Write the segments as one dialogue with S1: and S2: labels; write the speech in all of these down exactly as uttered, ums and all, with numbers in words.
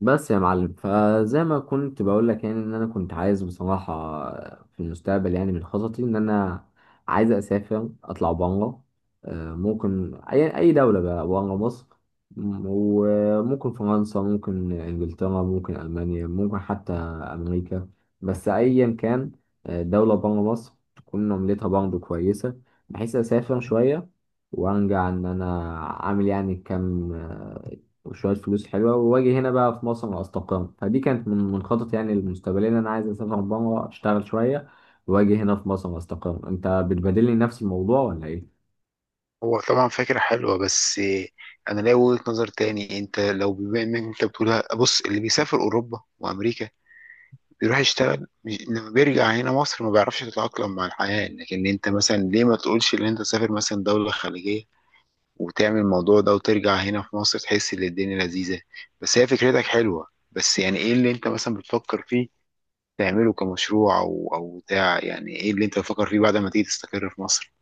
S1: بس يا معلم فزي ما كنت بقول لك، يعني ان انا كنت عايز بصراحه في المستقبل، يعني من خططي ان انا عايز اسافر اطلع بره. آه، ممكن اي اي دوله بقى بره مصر. م- وممكن فرنسا، ممكن انجلترا، ممكن المانيا، ممكن حتى امريكا. بس ايا كان، آه، دوله بره مصر تكون عملتها برضه كويسه، بحيث اسافر شويه وارجع ان انا عامل يعني كام وشوية فلوس حلوة، وأجي هنا بقى في مصر أستقر. فدي كانت من من خططي يعني المستقبلية، إن أنا عايز أسافر بره أشتغل شوية وأجي هنا في مصر أستقر. أنت بتبادلني نفس الموضوع ولا إيه؟
S2: هو طبعا فكرة حلوة بس أنا ليا وجهة نظر تاني. أنت لو بما إنك أنت بتقولها، بص، اللي بيسافر أوروبا وأمريكا بيروح يشتغل مش- لما بيرجع هنا مصر ما بيعرفش يتأقلم مع الحياة. لكن أنت مثلا ليه ما تقولش إن أنت تسافر مثلا دولة خليجية وتعمل الموضوع ده وترجع هنا في مصر تحس إن الدنيا لذيذة. بس هي فكرتك حلوة، بس يعني إيه اللي أنت مثلا بتفكر فيه تعمله كمشروع أو أو بتاع؟ يعني إيه اللي أنت بتفكر فيه بعد ما تيجي تستقر في مصر؟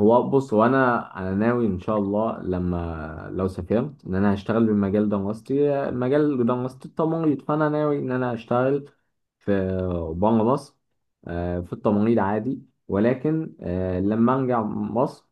S1: هو بص، هو أنا أنا ناوي إن شاء الله لما لو سافرت إن أنا هشتغل بالمجال دراستي، مجال دراستي التمريض، فأنا ناوي إن أنا أشتغل في بره مصر. آه، في التمريض عادي. ولكن آه، لما أرجع مصر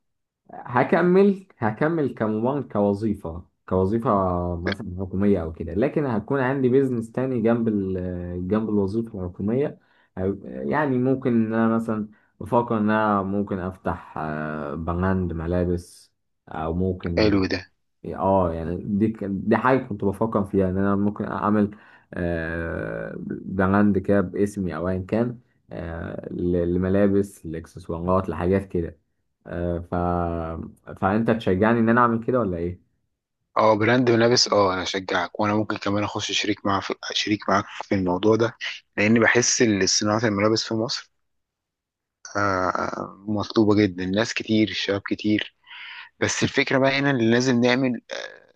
S1: هكمل هكمل كمبان كوظيفة كوظيفة مثلا حكومية أو كده، لكن هتكون عندي بيزنس تاني جنب ال جنب الوظيفة الحكومية. هيبقى- يعني ممكن إن أنا مثلا بفكر إن أنا ممكن أفتح آه، براند ملابس، أو ممكن
S2: حلو ده.
S1: يعني، اه يعني دي ك- دي حاجة كنت بفكر فيها ان انا ممكن اعمل آه، براند كده باسمي او ايا كان. آه، ل- لملابس، لاكسسوارات، لحاجات كده. آه، ف فانت تشجعني ان انا اعمل كده ولا ايه؟
S2: اه، براند ملابس. اه، انا اشجعك، وانا ممكن كمان اخش شريك مع في شريك معاك في الموضوع ده، لان بحس ان صناعه الملابس في مصر آه، آه، مطلوبه جدا، ناس كتير، شباب كتير. بس الفكره بقى هنا اللي لازم نعمل، آه،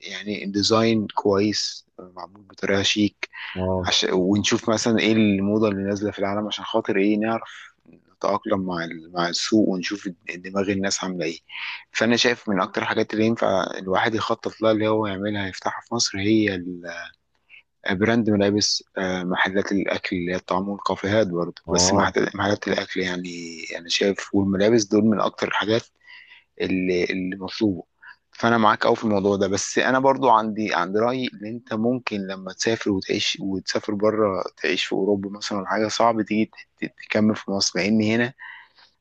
S2: يعني ديزاين كويس، آه، معمول بطريقه شيك،
S1: اه
S2: عشان ونشوف مثلا ايه الموضة اللي نازلة في العالم عشان خاطر ايه نعرف نتأقلم مع ال- مع السوق، ونشوف دماغ الناس عاملة ايه. فأنا شايف من أكتر الحاجات اللي ينفع الواحد يخطط لها اللي هو يعملها يفتحها في مصر هي ال- براند ملابس، آه، محلات الأكل اللي هي الطعام، والكافيهات برضه، بس
S1: اه
S2: محت- محلات الأكل، يعني أنا شايف، والملابس دول من أكتر الحاجات اللي اللي مطلوبه. فانا معاك قوي في الموضوع ده، بس انا برضو عندي عندي راي ان انت ممكن لما تسافر وتعيش، وتسافر بره تعيش في اوروبا مثلا ولا حاجه، صعب تيجي ت- ت- تكمل في مصر لان هنا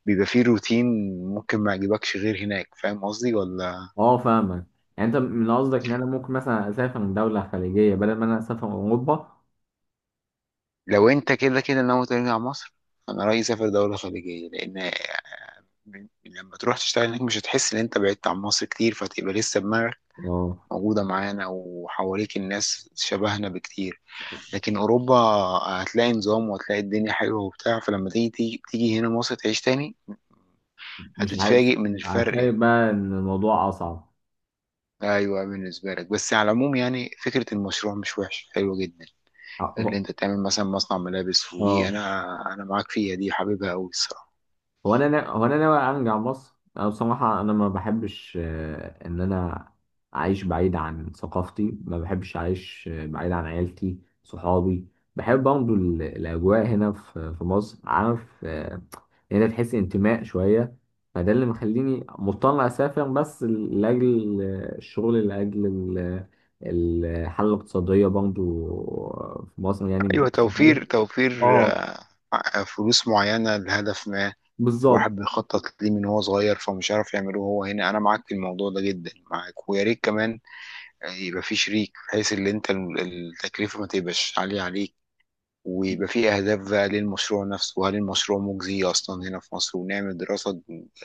S2: بيبقى فيه روتين ممكن ما يعجبكش غير هناك. فاهم قصدي ولا؟
S1: اه فاهمك. يعني انت من قصدك ان انا ممكن مثلا اسافر من دولة خليجية بدل ما انا اسافر اوروبا؟
S2: لو انت كده كده ناوي ترجع مصر، انا رايي سافر دوله خليجيه، لان لما تروح تشتغل هناك مش هتحس ان انت بعدت عن مصر كتير، فتبقى لسه دماغك
S1: اه،
S2: موجوده معانا وحواليك الناس شبهنا بكتير. لكن اوروبا هتلاقي نظام، وهتلاقي الدنيا حلوه وبتاع، فلما تيجي تيجي, تيجي هنا مصر تعيش تاني
S1: مش عارف.
S2: هتتفاجئ من
S1: عارف
S2: الفرق يعني.
S1: بقى ان الموضوع اصعب.
S2: ايوه بالنسبه لك، بس على العموم يعني فكره المشروع مش وحش، حلوه جدا اللي
S1: اه.
S2: انت تعمل مثلا مصنع ملابس. ودي
S1: آه.
S2: انا انا معاك فيها، دي حبيبها قوي الصراحه.
S1: هو انا نا... هو انا ناوي ارجع مصر. انا بصراحه انا ما بحبش آه، ان انا اعيش بعيد عن ثقافتي. ما بحبش اعيش آه، بعيد عن عيلتي، صحابي. بحب برضه ال- الاجواء هنا في في مصر، عارف، آه، هنا تحس انتماء شويه. فده اللي مخليني مضطر اسافر، بس ل- لاجل آه، الشغل، لاجل ال- الحاله الاقتصاديه برضه في مصر يعني مش
S2: ايوه،
S1: احسن حاجه.
S2: توفير توفير،
S1: اه،
S2: آه، فلوس معينه لهدف ما.
S1: بالظبط.
S2: الواحد بيخطط ليه من هو صغير، فمش عارف يعمله هو هنا. انا معاك في الموضوع ده جدا معاك، ويا ريت كمان يعني يبقى في شريك بحيث ان انت ال- التكلفه ما تبقاش عاليه عليك، ويبقى في اهداف بقى للمشروع نفسه. وهل المشروع مجزي اصلا هنا في مصر؟ ونعمل دراسه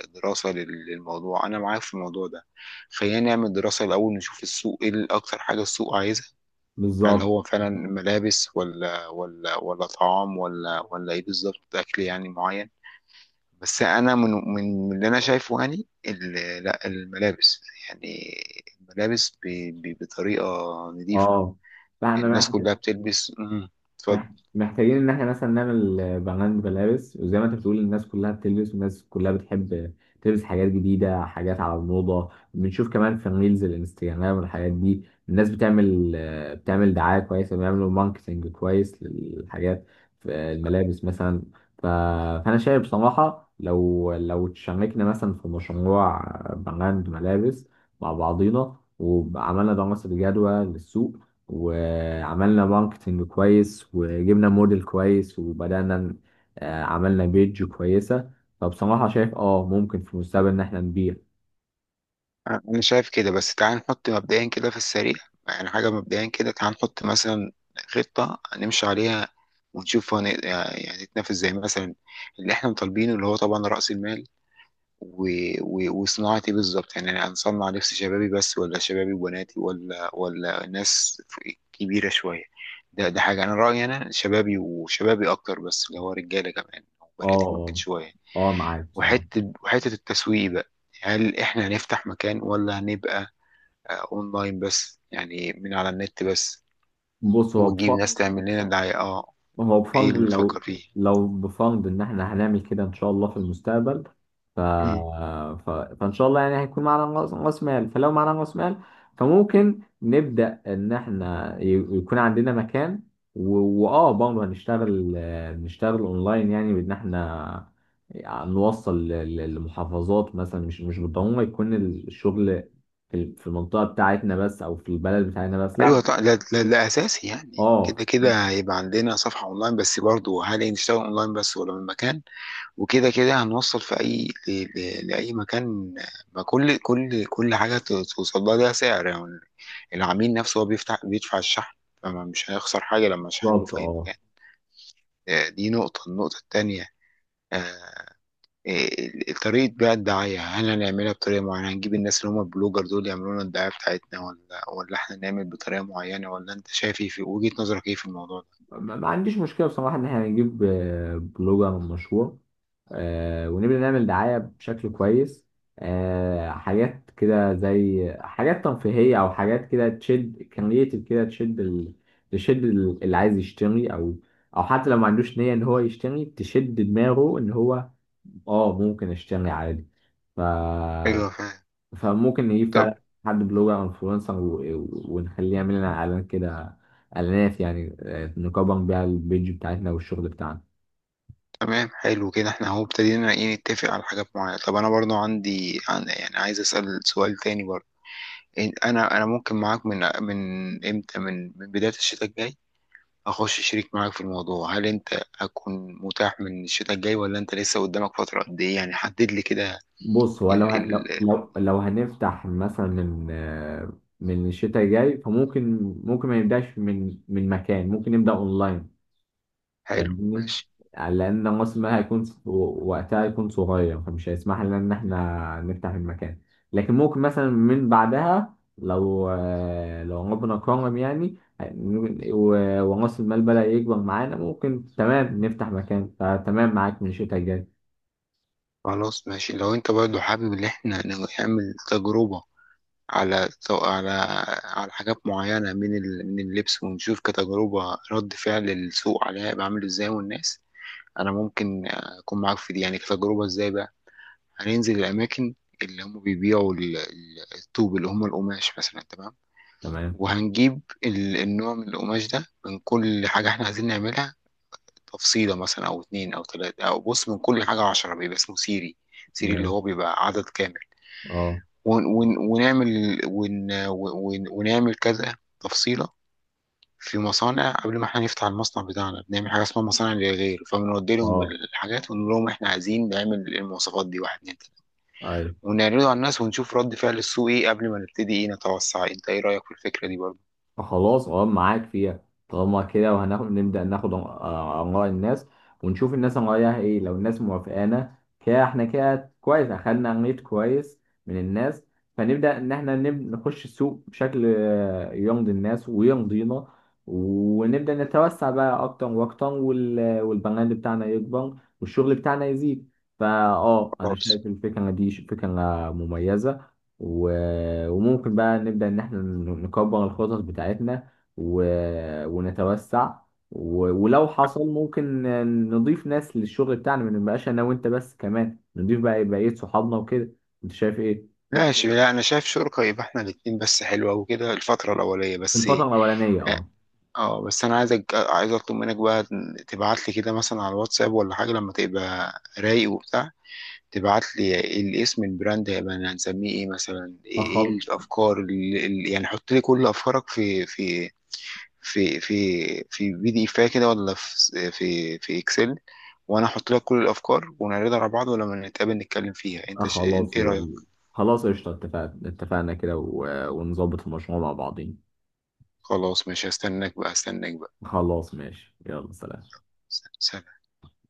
S2: دراسه لل- للموضوع. انا معاك في الموضوع ده. خلينا نعمل دراسه الاول نشوف السوق ايه ال- اكتر حاجه السوق عايزها. هل
S1: بالظبط.
S2: هو فعلا ملابس ولا ولا ولا طعام ولا ولا ايه بالظبط؟ اكل يعني معين؟ بس انا من من من اللي انا شايفه، يعني ال- لا الملابس، يعني الملابس ب- ب- بطريقه نظيفه.
S1: اه. فاحنا
S2: الناس كلها بتلبس. مم. اتفضل.
S1: مح- محتاجين ان احنا مثلا نعمل آه، براند ملابس، وزي ما انت بتقول الناس كلها بتلبس، والناس كلها بتحب تلبس حاجات جديده، حاجات على الموضه. بنشوف كمان في الريلز الانستجرام والحاجات دي الناس بتعمل آه، بتعمل دعايه كويسه، بيعملوا ماركتنج كويس للحاجات في الملابس مثلا. ف- فانا شايف بصراحه لو لو تشاركنا مثلا في مشروع براند ملابس مع بعضينا، وعملنا دراسه جدوى للسوق، وعملنا ماركتنج كويس، وجبنا موديل كويس، وبدأنا ن- آه، عملنا بيج كويسة، فبصراحة شايف اه ممكن في المستقبل ان احنا نبيع.
S2: انا شايف كده، بس تعال نحط مبدئيا كده في السريع، يعني حاجه مبدئيا كده. تعال نحط مثلا خطه نمشي عليها، ونشوف هن... يعني نتنافس زي مثلا اللي احنا مطالبينه، اللي هو طبعا راس المال، و... و... وصناعه ايه بالظبط؟ يعني انا هنصنع لبس شبابي بس ولا شبابي وبناتي ولا ولا ناس كبيره شويه؟ ده ده حاجه، انا رايي انا شبابي، وشبابي اكتر بس، اللي هو رجاله كمان وبناتي ممكن
S1: اه
S2: شويه.
S1: اه اه معاك بصراحة.
S2: وحتة وحتة التسويق بقى، هل احنا هنفتح مكان ولا هنبقى آه، اونلاين بس، يعني من على النت بس،
S1: بص هو
S2: ونجيب
S1: بف-
S2: ناس تعمل لنا دعاية، اه؟
S1: ما هو
S2: ايه اللي
S1: بفضل
S2: بتفكر
S1: لو
S2: فيه؟
S1: لو بفضل ان احنا هنعمل كده ان شاء الله في المستقبل. ف...
S2: مم.
S1: ف... فان شاء الله يعني هيكون معانا راس رأس مال. فلو معانا راس مال فممكن نبدا ان احنا ي... يكون عندنا مكان، و... واه برضه هنشتغل، آه، نشتغل اونلاين يعني بان احنا نوصل ل- ل- لمحافظات مثلا. مش مش بالضروره يكون الشغل في في المنطقه بتاعتنا بس، او في البلد بتاعتنا بس، لا.
S2: ايوه طبعا، ده ده-
S1: ممكن.
S2: ده اساسي، يعني كده
S1: اه،
S2: كده هيبقى عندنا صفحة اونلاين بس. برضو هل نشتغل اونلاين بس ولا من مكان؟ وكده كده هنوصل في اي ل... ل... لاي مكان، ما كل كل كل حاجة توصل لها ليها سعر يعني. العميل نفسه هو بيفتح بيدفع الشحن، فمش هيخسر حاجة لما شحنه
S1: بالظبط.
S2: في اي
S1: اه.
S2: مكان. آه، دي نقطة، النقطة التانية، آه، آه، طريقة بقى الدعاية، هل هنعملها بطريقة معينة؟ هنجيب الناس اللي هم البلوجر دول يعملوا لنا الدعاية بتاعتنا، ولا ولا احنا نعمل بطريقة معينة؟ ولا انت شايف ايه في وجهة نظرك ايه في الموضوع ده؟
S1: ما ما عنديش مشكلة بصراحة إن إحنا هنجيب آه، بلوجر مشهور آه، ونبدأ نعمل دعاية بشكل كويس. آه، حاجات كده زي حاجات ترفيهية، أو حاجات كده تشد كرييتيف، كده تشد ال... تشد ال- اللي عايز يشتري، أو أو حتى لو ما عندوش نية إن هو يشتري تشد دماغه إن هو آه ممكن أشتري عادي. ف
S2: ايوه، فاهم.
S1: فممكن نجيب
S2: طب.
S1: فعلا حد بلوجر او انفلونسر، و- ونخليه يعمل لنا اعلان كده، اعلانات يعني، آه، نكبر بيها البيج بتاعتنا والشغل بتاعنا.
S2: تمام، حلو كده، احنا اهو ابتدينا، ايه نتفق على حاجات معينة. طب انا برضو عندي عن- يعني عايز اسأل سؤال تاني برضو. إن- انا انا ممكن معاك، من من امتى؟ من من بداية الشتاء الجاي اخش شريك معاك في الموضوع. هل انت هتكون متاح من الشتاء الجاي ولا انت لسه قدامك فترة؟ قد ايه يعني؟ حدد لي كده.
S1: بص، هو لو
S2: ال
S1: هن- لو
S2: ال
S1: لو لو هنفتح مثلا من آه، من الشتاء الجاي، فممكن ممكن ما نبداش من من مكان، ممكن نبدا اونلاين.
S2: حلو
S1: فاهمني؟
S2: ماشي.
S1: يعني لأن موسمها هيكون وقتها هيكون صغير، فمش هيسمح لنا إن إحنا نفتح المكان. لكن ممكن مثلا من بعدها لو لو ربنا كرم يعني، و- ورأس المال بدأ يكبر معانا، ممكن تمام نفتح مكان. فتمام معاك من الشتاء الجاي.
S2: خلاص ماشي، لو انت برضو حابب ان احنا نعمل تجربة على على على حاجات معينة من ال من اللبس، ونشوف كتجربة رد فعل السوق عليها يبقى عامل ازاي والناس. انا ممكن اكون معاك في دي يعني كتجربة. ازاي بقى؟ هننزل الاماكن اللي هم بيبيعوا ال- ال- الطوب اللي هم القماش مثلا. تمام.
S1: تمام،
S2: وهنجيب ال- النوع من القماش ده، من كل حاجة احنا عايزين نعملها، تفصيلة مثلا أو اتنين أو تلاتة. أو بص، من كل حاجة عشرة، بيبقى اسمه سيري. سيري اللي
S1: ماشي.
S2: هو بيبقى عدد كامل.
S1: اه،
S2: ون ون ونعمل ون ون ونعمل كذا تفصيلة. في مصانع قبل ما احنا نفتح المصنع بتاعنا بنعمل حاجة اسمها مصانع للغير، فبنودي لهم
S1: اه،
S2: الحاجات ونقول لهم احنا عايزين نعمل المواصفات دي، واحد، اتنين، تلاتة.
S1: أيوة.
S2: ونعرضه على الناس ونشوف رد فعل السوق ايه قبل ما نبتدي ايه نتوسع. انت ايه رأيك في الفكرة دي برضه؟
S1: خلاص، اه، معاك فيها. طالما كده وهناخد نبدأ ناخد آه، آراء الناس ونشوف الناس رأيها ايه، لو الناس موافقانا كده احنا كده كويس، اخدنا ريت كويس من الناس. فنبدأ ان احنا نب- نخش السوق بشكل آه، يرضي الناس ويرضينا، ونبدأ نتوسع بقى اكتر واكتر، وال- والبراند بتاعنا يكبر والشغل بتاعنا يزيد. فا اه انا
S2: خلاص
S1: شايف الفكرة دي ش- فكرة مميزة، و- وممكن بقى نبدأ إن إحنا نكبر الخطط بتاعتنا و... ونتوسع، و... ولو حصل ممكن نضيف ناس للشغل بتاعنا، ما نبقاش أنا وأنت بس، كمان نضيف بقى بقية صحابنا وكده. أنت شايف إيه؟
S2: ماشي. لا انا شايف شركة يبقى احنا الاتنين بس حلوة، وكده الفترة الاولية بس،
S1: الفترة
S2: إيه.
S1: الأولانية، أه.
S2: اه، بس انا عايزك عايز اطلب منك بقى تبعت لي كده مثلا على الواتساب ولا حاجة لما تبقى رايق وبتاع. تبعت لي الاسم. البراند هيبقى هنسميه ايه مثلا؟ ايه إيه
S1: أخل...
S2: الافكار، اللي اللي- يعني حط لي كل افكارك في في في في في بي دي اف كده ولا في في في اكسل. وانا احط لك كل الافكار، ونعرضها على بعض ولما نتقابل نتكلم فيها.
S1: أه
S2: انت ش...
S1: خلاص
S2: ايه رايك؟
S1: وال... خلاص قشطة، اتفقنا، اتفقنا كده، و... ونظبط المشروع مع بعضين.
S2: خلاص ماشي، هستناك بقى هستناك بقى.
S1: خلاص ماشي، يلا سلام.
S2: سلام.